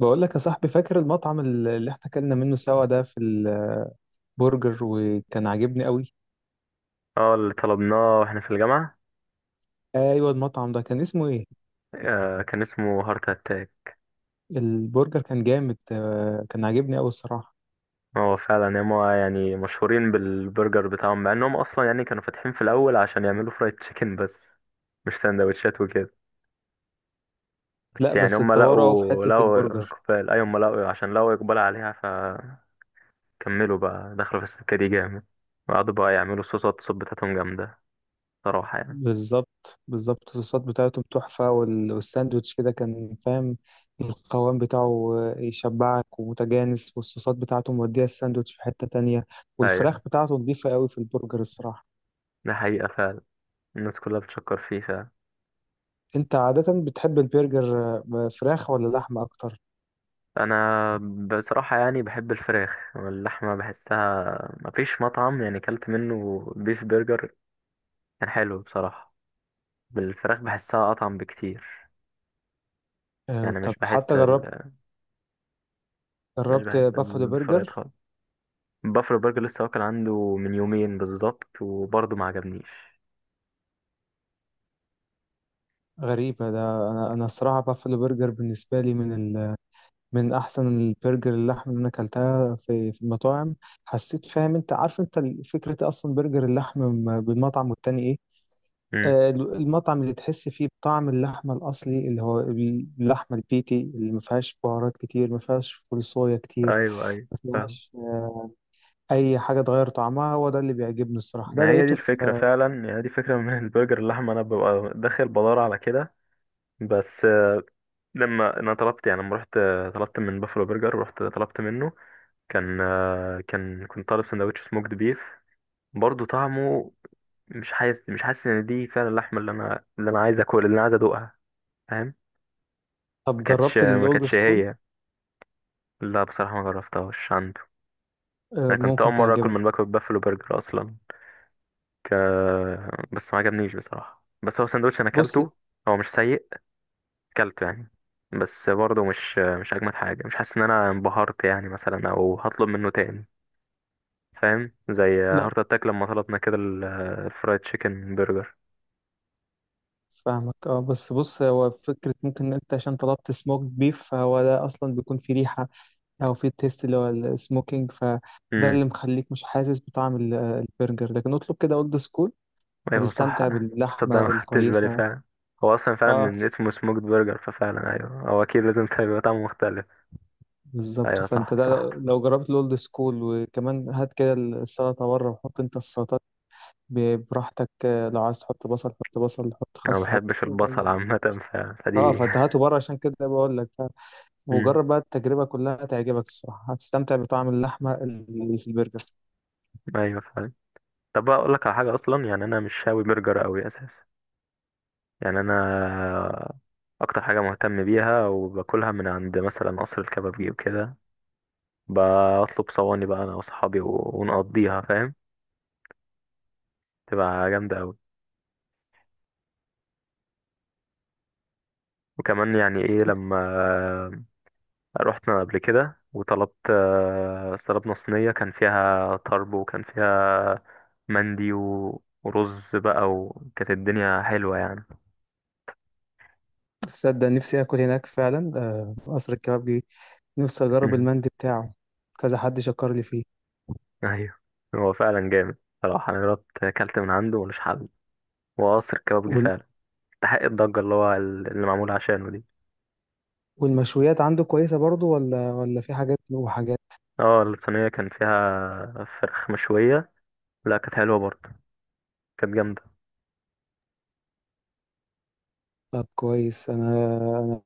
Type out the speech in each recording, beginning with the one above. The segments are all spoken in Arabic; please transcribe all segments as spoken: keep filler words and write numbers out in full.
بقول لك يا صاحبي، فاكر المطعم ال- اللي احنا اكلنا منه سوا ده في البرجر؟ وكان عاجبني قوي. اه، اللي طلبناه واحنا في الجامعة. ايوه، المطعم ده كان اسمه ايه؟ آه، كان اسمه هارت اتاك. البرجر كان جامد، آه، كان عاجبني قوي الصراحه. هو فعلا هما يعني مشهورين بالبرجر بتاعهم، مع انهم اصلا يعني كانوا فاتحين في الاول عشان يعملوا فرايد تشيكن بس، مش سندوتشات وكده. بس لا يعني بس هما اتطوروا قوي في لقوا حته لقوا البرجر. اقبال. اي هما لقوا عشان لقوا اقبال عليها، فكملوا بقى دخلوا في السكة دي جامد. وقعدوا بقى يعملوا صوصات، الصوت بتاعتهم جامدة صراحة يعني. بالظبط بالظبط، الصوصات بتاعتهم تحفه، وال- والساندوتش كده كان فاهم، القوام بتاعه آه، يشبعك ومتجانس، والصوصات بتاعته مودية الساندوتش في حته تانية. والفراخ ايوه، بتاعته نضيفه قوي في البرجر الصراحه. ده حقيقة فعلا، الناس كلها بتشكر فيه. انت عادة بتحب البرجر، آه، فراخ ولا لحمة اكتر؟ انا بصراحه يعني بحب الفراخ، واللحمه بحسها مفيش مطعم يعني كلت منه بيف برجر كان حلو بصراحه. بالفراخ بحسها اطعم بكتير، آه، يعني طب مش بحس حتى جربت ال... مش جربت بحس بافلو ال- بالفرايد برجر؟ خالص. بافلو برجر لسه واكل عنده من يومين بالظبط وبرضه ما عجبنيش. غريبة ده. انا انا الصراحة بافلو برجر بالنسبة لي من ال... من احسن البرجر اللحمة اللي انا اكلتها في في المطاعم. حسيت فاهم، انت عارف انت ال- فكرة اصلا برجر اللحمة م- بالمطعم، والتاني ايه؟ امم، آه، ال- المطعم اللي تحس فيه بطعم اللحمة الأصلي، اللي هو اللحمة البيتي اللي ما فيهاش بهارات كتير، ما فيهاش فول صويا كتير، ايوه ايوه، ما فاهم. فيهاش اي حاجه تغير طعمها. هو ده اللي بيعجبني الصراحه، ده ما هي دي لقيته الفكره في. فعلا، يعني دي فكره من البرجر اللحمه انا ببقى داخل بدور على كده. بس لما انا طلبت، يعني لما رحت طلبت من بافلو برجر ورحت طلبت منه، كان آه، كان كنت طالب سندوتش سموكد بيف، برضه طعمه مش حاسس مش حاسس ان دي فعلا اللحمه اللي انا اللي انا عايز اكل، اللي انا عايز ادوقها، فاهم. ما طب كانتش جربت ما الاولد كانتش سكول؟ هي، لا بصراحه ما جربتهاش عنده. آه، انا كنت اول ممكن مره اكل تعجبك. من باكو بافلو برجر اصلا. ك... بس ما عجبنيش بصراحه. بس هو سندوتش انا بص. اكلته، هو مش سيء، اكلته يعني. بس برضه مش مش اجمد حاجه، مش حاسس ان انا انبهرت يعني مثلا، او هطلب منه تاني، فاهم. زي لا، هارت اتاك لما طلبنا كده الفرايد تشيكن برجر. فاهمك، اه، بس بص، هو فكره، ممكن انت عشان طلبت سموك بيف فهو ده اصلا بيكون فيه ريحه، او فيه تيست، اللي هو السموكينج، فده امم، اللي مخليك مش حاسس بطعم ال- البرجر، لكن اطلب كده اولد سكول، ايوه صح. هتستمتع تصدق باللحمه ما خدتش بالي الكويسه. فعلا. هو اصلا فعلا اه من اسمه سموكد برجر، ففعلا ايوه هو اكيد لازم يبقى طعمه مختلف. بالظبط. ايوه فانت صح صح. ده، لو جربت الاولد سكول، وكمان هات كده السلطه بره وحط انت السلطات ب- براحتك، آه، لو عايز تحط بصل حط بصل، حط انا ما خس، حط بحبش البصل يعني. عامه ف... اه فدي. فتهاته بره، عشان كده بقول لك ف- امم، وجرب بقى التجربة كلها تعجبك الصراحة، هتستمتع بطعم اللحمة اللي في البرجر. ايوه فعلا. طب بقى اقول لك على حاجه، اصلا يعني انا مش شاوي برجر قوي اساسا، يعني انا اكتر حاجه مهتم بيها وباكلها من عند مثلا قصر الكبابجي وكده. بطلب صواني بقى انا واصحابي و... ونقضيها فاهم، تبقى جامده قوي. وكمان يعني ايه لما رحنا قبل كده وطلبت، آه، طلبنا صينية كان فيها طرب، وكان فيها مندي و- ورز بقى، وكانت الدنيا حلوة يعني. تصدق نفسي اكل هناك فعلا، آه، قصر الكبابجي، نفسي اجرب مم. المندي بتاعه، كذا حد شكر لي فيه. أيوه، هو فعلا جامد صراحة. أنا جربت أكلت من عنده ملوش حل، وقصر كبابجي وال... فعلا استحق الضجة اللي هو ال- اللي معمولة عشانه دي. والمشويات عنده كويسة برضو، ولا ولا في حاجات وحاجات؟ اه، الصينية كان فيها فراخ مشوية، لا كانت حلوة برضه، كانت جامدة. طب كويس. انا انا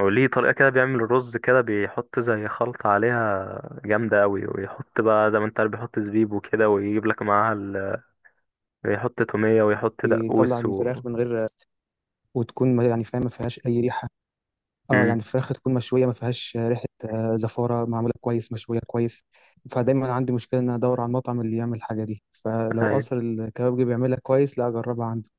هو ليه طريقة كده بيعمل الرز كده، بيحط زي خلطة عليها جامدة أوي، ويحط بقى زي ما انت عارف بيحط زبيب وكده، ويجيب لك معاها ال... ويحط تومية، ويحط بيطلع دقوس و الفراخ من غير، وتكون ما- يعني فاهم ما فيهاش اي ريحة. اه مم. يعني الفراخ تكون مشويه ما فيهاش ريحه، آه، زفاره، معموله كويس، مشويه كويس. فدايما عندي مشكله ان أنا ادور على المطعم اللي يعمل الحاجه دي، فلو أيوة، قصر الكبابجي بيعملها كويس، لا اجربها عنده.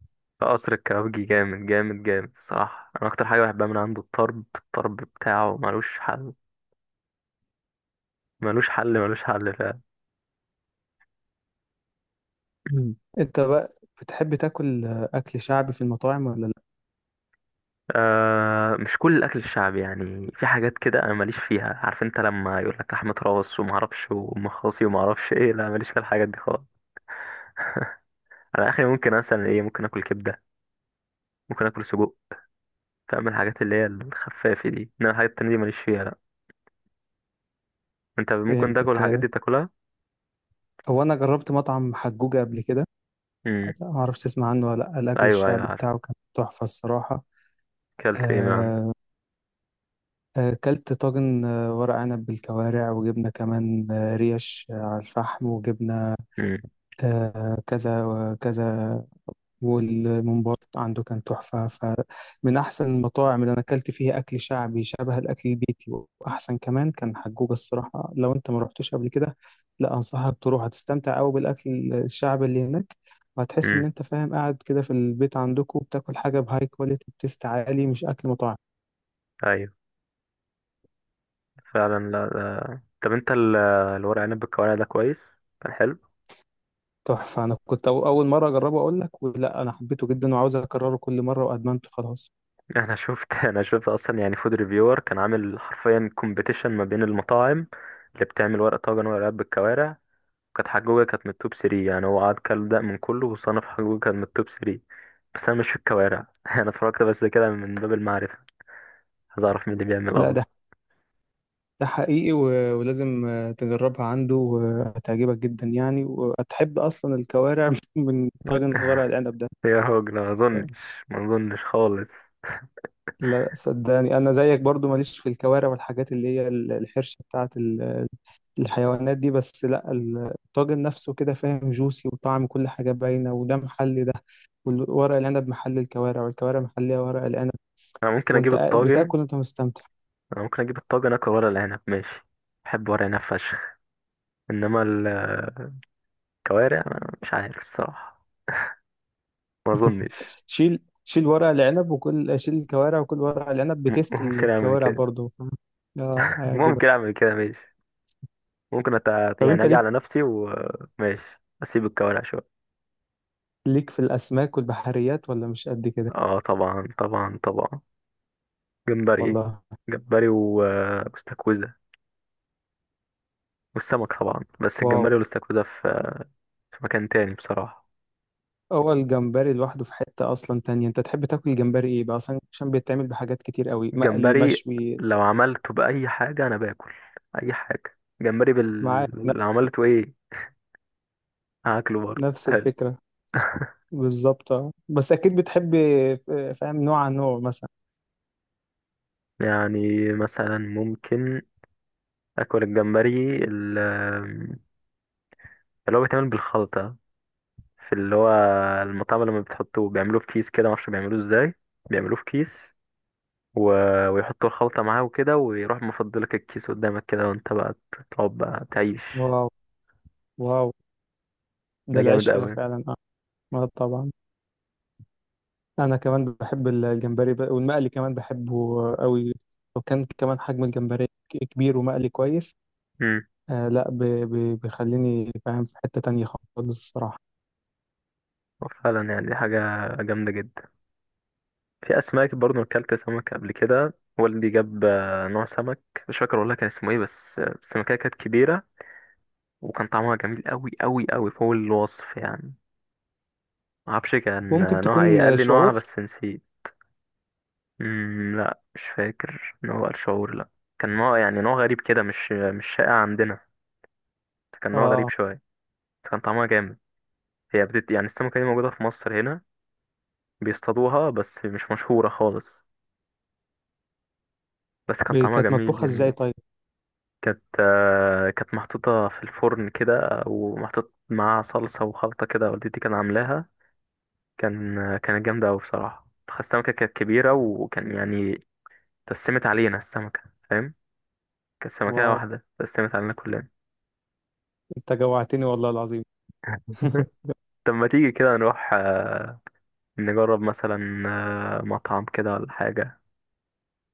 قصر الكبابجي جامد جامد جامد صراحة. أنا أكتر حاجة بحبها من عنده الطرب، الطرب بتاعه ملوش حل، ملوش حل ملوش حل فعلا. مم. انت بقى بتحب تاكل، آه، اكل شعبي في المطاعم ولا لا؟ آه، مش كل الأكل الشعبي يعني. في حاجات كده أنا ماليش فيها، عارف أنت لما يقول لك لحمة راس ومعرفش ومخاصي ومعرفش إيه، لا ماليش في الحاجات دي خالص. على اخري ممكن مثلا ايه، ممكن اكل كبده، ممكن اكل سجق، فاهم الحاجات اللي هي الخفافه دي، انما الحاجات التانية دي ماليش فيها لا. انت ممكن تاكل فهمتك الحاجات آه، دي تاكلها. هو انا جربت مطعم حجوجه قبل كده، امم، ما اعرفش تسمع عنه ولا لا. الاكل ايوه ايوه الشعبي عارف. بتاعه كان تحفه الصراحه. اكلت ايه من عنده. آه، آه، اكلت طاجن، آه، ورق عنب بالكوارع، وجبنه كمان، آه، ريش آه، على الفحم، وجبنه، امم. آه، كذا وكذا. والممبار عنده كان تحفة. فمن أحسن المطاعم اللي أنا أكلت فيها أكل شعبي شبه الأكل البيتي، وأحسن كمان كان حجوج الصراحة. لو أنت ما رحتوش قبل كده، لا أنصحك تروح، هتستمتع أوي بالأكل الشعبي اللي هناك، وهتحس امم، إن أنت فاهم قاعد كده في البيت عندكم بتاكل حاجة بهاي كواليتي، بتست عالي، مش أكل مطاعم. ايوه فعلا. لا لا. طب انت ال- الورق عنب بالكوارع ده كويس؟ كان حلو. تحفة. أنا كنت أول مرة أجربه أقول لك، ولا أنا حبيته جدا وعاوز أكرره كل مرة، وأدمنته خلاص. انا شفت انا شفت اصلا يعني فود ريفيور كان عامل حرفيا كومبيتيشن ما بين المطاعم اللي بتعمل ورق طاجن ورق عنب بالكوارع، كانت حجوجة كانت من التوب تلاتة يعني. هو قعد كل ده من كله وصنف، حجوجة كانت من التوب تلاتة. بس أنا مش في الكوارع أنا اتفرجت بس كده من باب المعرفة، عايز أعرف مين اللي بيعمل لا، ده أفضل. ده حقيقي، و- ولازم آه، تجربها عنده، وهتعجبك جدا يعني، وهتحب أصلا الكوارع من طاجن ورق العنب ده. يا راجل ما أظنش، ما أظنش خالص. لا صدقني، أنا زيك برضو ماليش في الكوارع والحاجات اللي هي ال- الحرشة بتاعت ال- الحيوانات دي، بس لا ال- الطاجن نفسه كده فاهم جوسي، وطعم كل حاجة باينة، وده محلي ده، وورق العنب محل الكوارع، والكوارع محلية ورق العنب، أنا ممكن أجيب وأنت قاعد الطاجن، بتاكل وأنت مستمتع. أنا ممكن أجيب الطاجن أكل ورق العنب ماشي، بحب ورق العنب فشخ. إنما الكوارع أنا مش عارف الصراحة، ما أظنش. شيل شيل ورق العنب وكل، شيل الكوارع وكل ورق العنب، م- بتست ممكن أعمل الكوارع كده برضه ف... اه هيعجبك. ممكن أعمل كده ماشي، ممكن أت... طب يعني انت أجي ليك على نفسي وماشي أسيب الكوارع شوية. ليك في الاسماك والبحريات ولا مش قد كده؟ اه طبعا طبعا طبعا. جمبري، والله. جمبري و- واستاكوزا والسمك طبعا. بس واو، الجمبري والاستاكوزا في في مكان تاني بصراحة. اول جمبري لوحده في حتة اصلا تانية. انت تحب تاكل الجمبري ايه بقى اصلا، عشان بيتعمل بحاجات كتير قوي، مقلي، الجمبري مشوي؟ لو عملته بأي حاجة أنا باكل، أي حاجة، جمبري معاك، بال... ن- لو عملته إيه هاكله برضه نفس حلو. الفكرة بالظبط. اه، بس اكيد بتحب، آه، فاهم، نوع عن نوع مثلا. يعني مثلا ممكن أكل الجمبري ال- اللي هو بيتعمل بالخلطة، في اللي هو المطعم لما بتحطه بيعملوه في كيس كده، معرفش بيعملوه ازاي، بيعملوه في كيس و... ويحطوا الخلطة معاه وكده، ويروح مفضلك الكيس قدامك كده، وانت بقى تقعد بقى تعيش. واو واو، ده ده جامد العشق ده قوي. فعلا. اه. آه طبعا. انا كمان بحب الجمبري بقى، والمقلي كمان بحبه قوي، لو كان كمان حجم الجمبري كبير ومقلي كويس، امم، آه، لا ب- ب- بيخليني فاهم في حتة تانية خالص الصراحة. فعلا يعني دي حاجة جامدة جدا. في أسماك برضه، أكلت سمك قبل كده والدي جاب، آه، نوع سمك مش فاكر والله كان اسمه ايه، بس آه، السمكية كانت كبيرة، وكان طعمها جميل قوي قوي قوي فوق الوصف يعني. معرفش كان ممكن آه، نوعها ايه، قال تكون لي نوعها شعور. بس نسيت. امم، لا مش فاكر نوع الشعور لا. كان نوع يعني نوع غريب كده، مش مش شائع عندنا، كان نوع غريب اه، شوية، كان طعمها جامد. هي بتت... يعني السمكة دي موجودة في مصر هنا، بيصطادوها بس مش مشهورة خالص، بس كان ب- طعمها كانت جميل مطبوخة ازاي جميل. طيب؟ كانت آه، كانت محطوطة في الفرن كده، ومحطوط معاها صلصة وخلطة كده، والدتي كان عاملاها، كان آه، كانت جامدة أوي بصراحة. السمكة كانت كبيرة، وكان يعني تسمت علينا السمكة فاهم، كانت سمكة واو، واحدة تسمت علينا كلنا. انت جوعتني والله العظيم. طب ما تيجي كده نروح، آه، نجرب مثلا آه، مطعم كده ولا حاجة.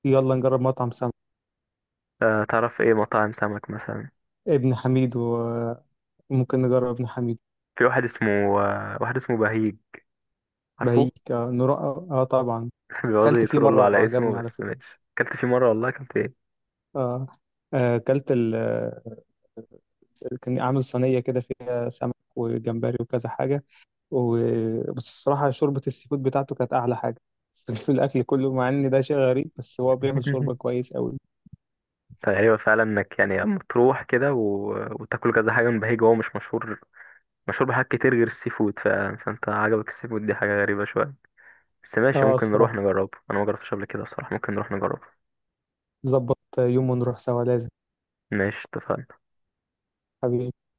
يلا نجرب مطعم سمك، آه، تعرف ايه مطاعم سمك مثلا؟ ابن حميد، وممكن نجرب ابن حميد. في واحد اسمه آه، واحد اسمه بهيج، عارفه؟ بهيك، آه, نروح، اه طبعا. بيقعدوا كلت فيه يترولوا مرة على اسمه، وعجبني بس على فكرة. ماشي اكلت فيه مرة والله اكلت ايه. آه آه، كلت، كان عامل صينية كده فيها سمك وجمبري وكذا حاجة و... بس الصراحة شوربة السي فود بتاعته كانت أعلى حاجة في الأكل كله، مع إن ده شيء غريب، بس هو بيعمل شوربة كويس أوي. ايوه فعلا، انك يعني لما تروح كده و... وتاكل كذا حاجة من بهيج، هو مش مشهور، مشهور بحاجات كتير غير السي فود، ف... فانت عجبك السي فود، دي حاجة غريبة شوية، بس ماشي آه ممكن نروح الصراحة، نجربه، انا ما جربتش قبل كده بصراحة، ممكن نروح نجربه. ظبط يوم ونروح سوا لازم. ماشي اتفقنا. حبيبي.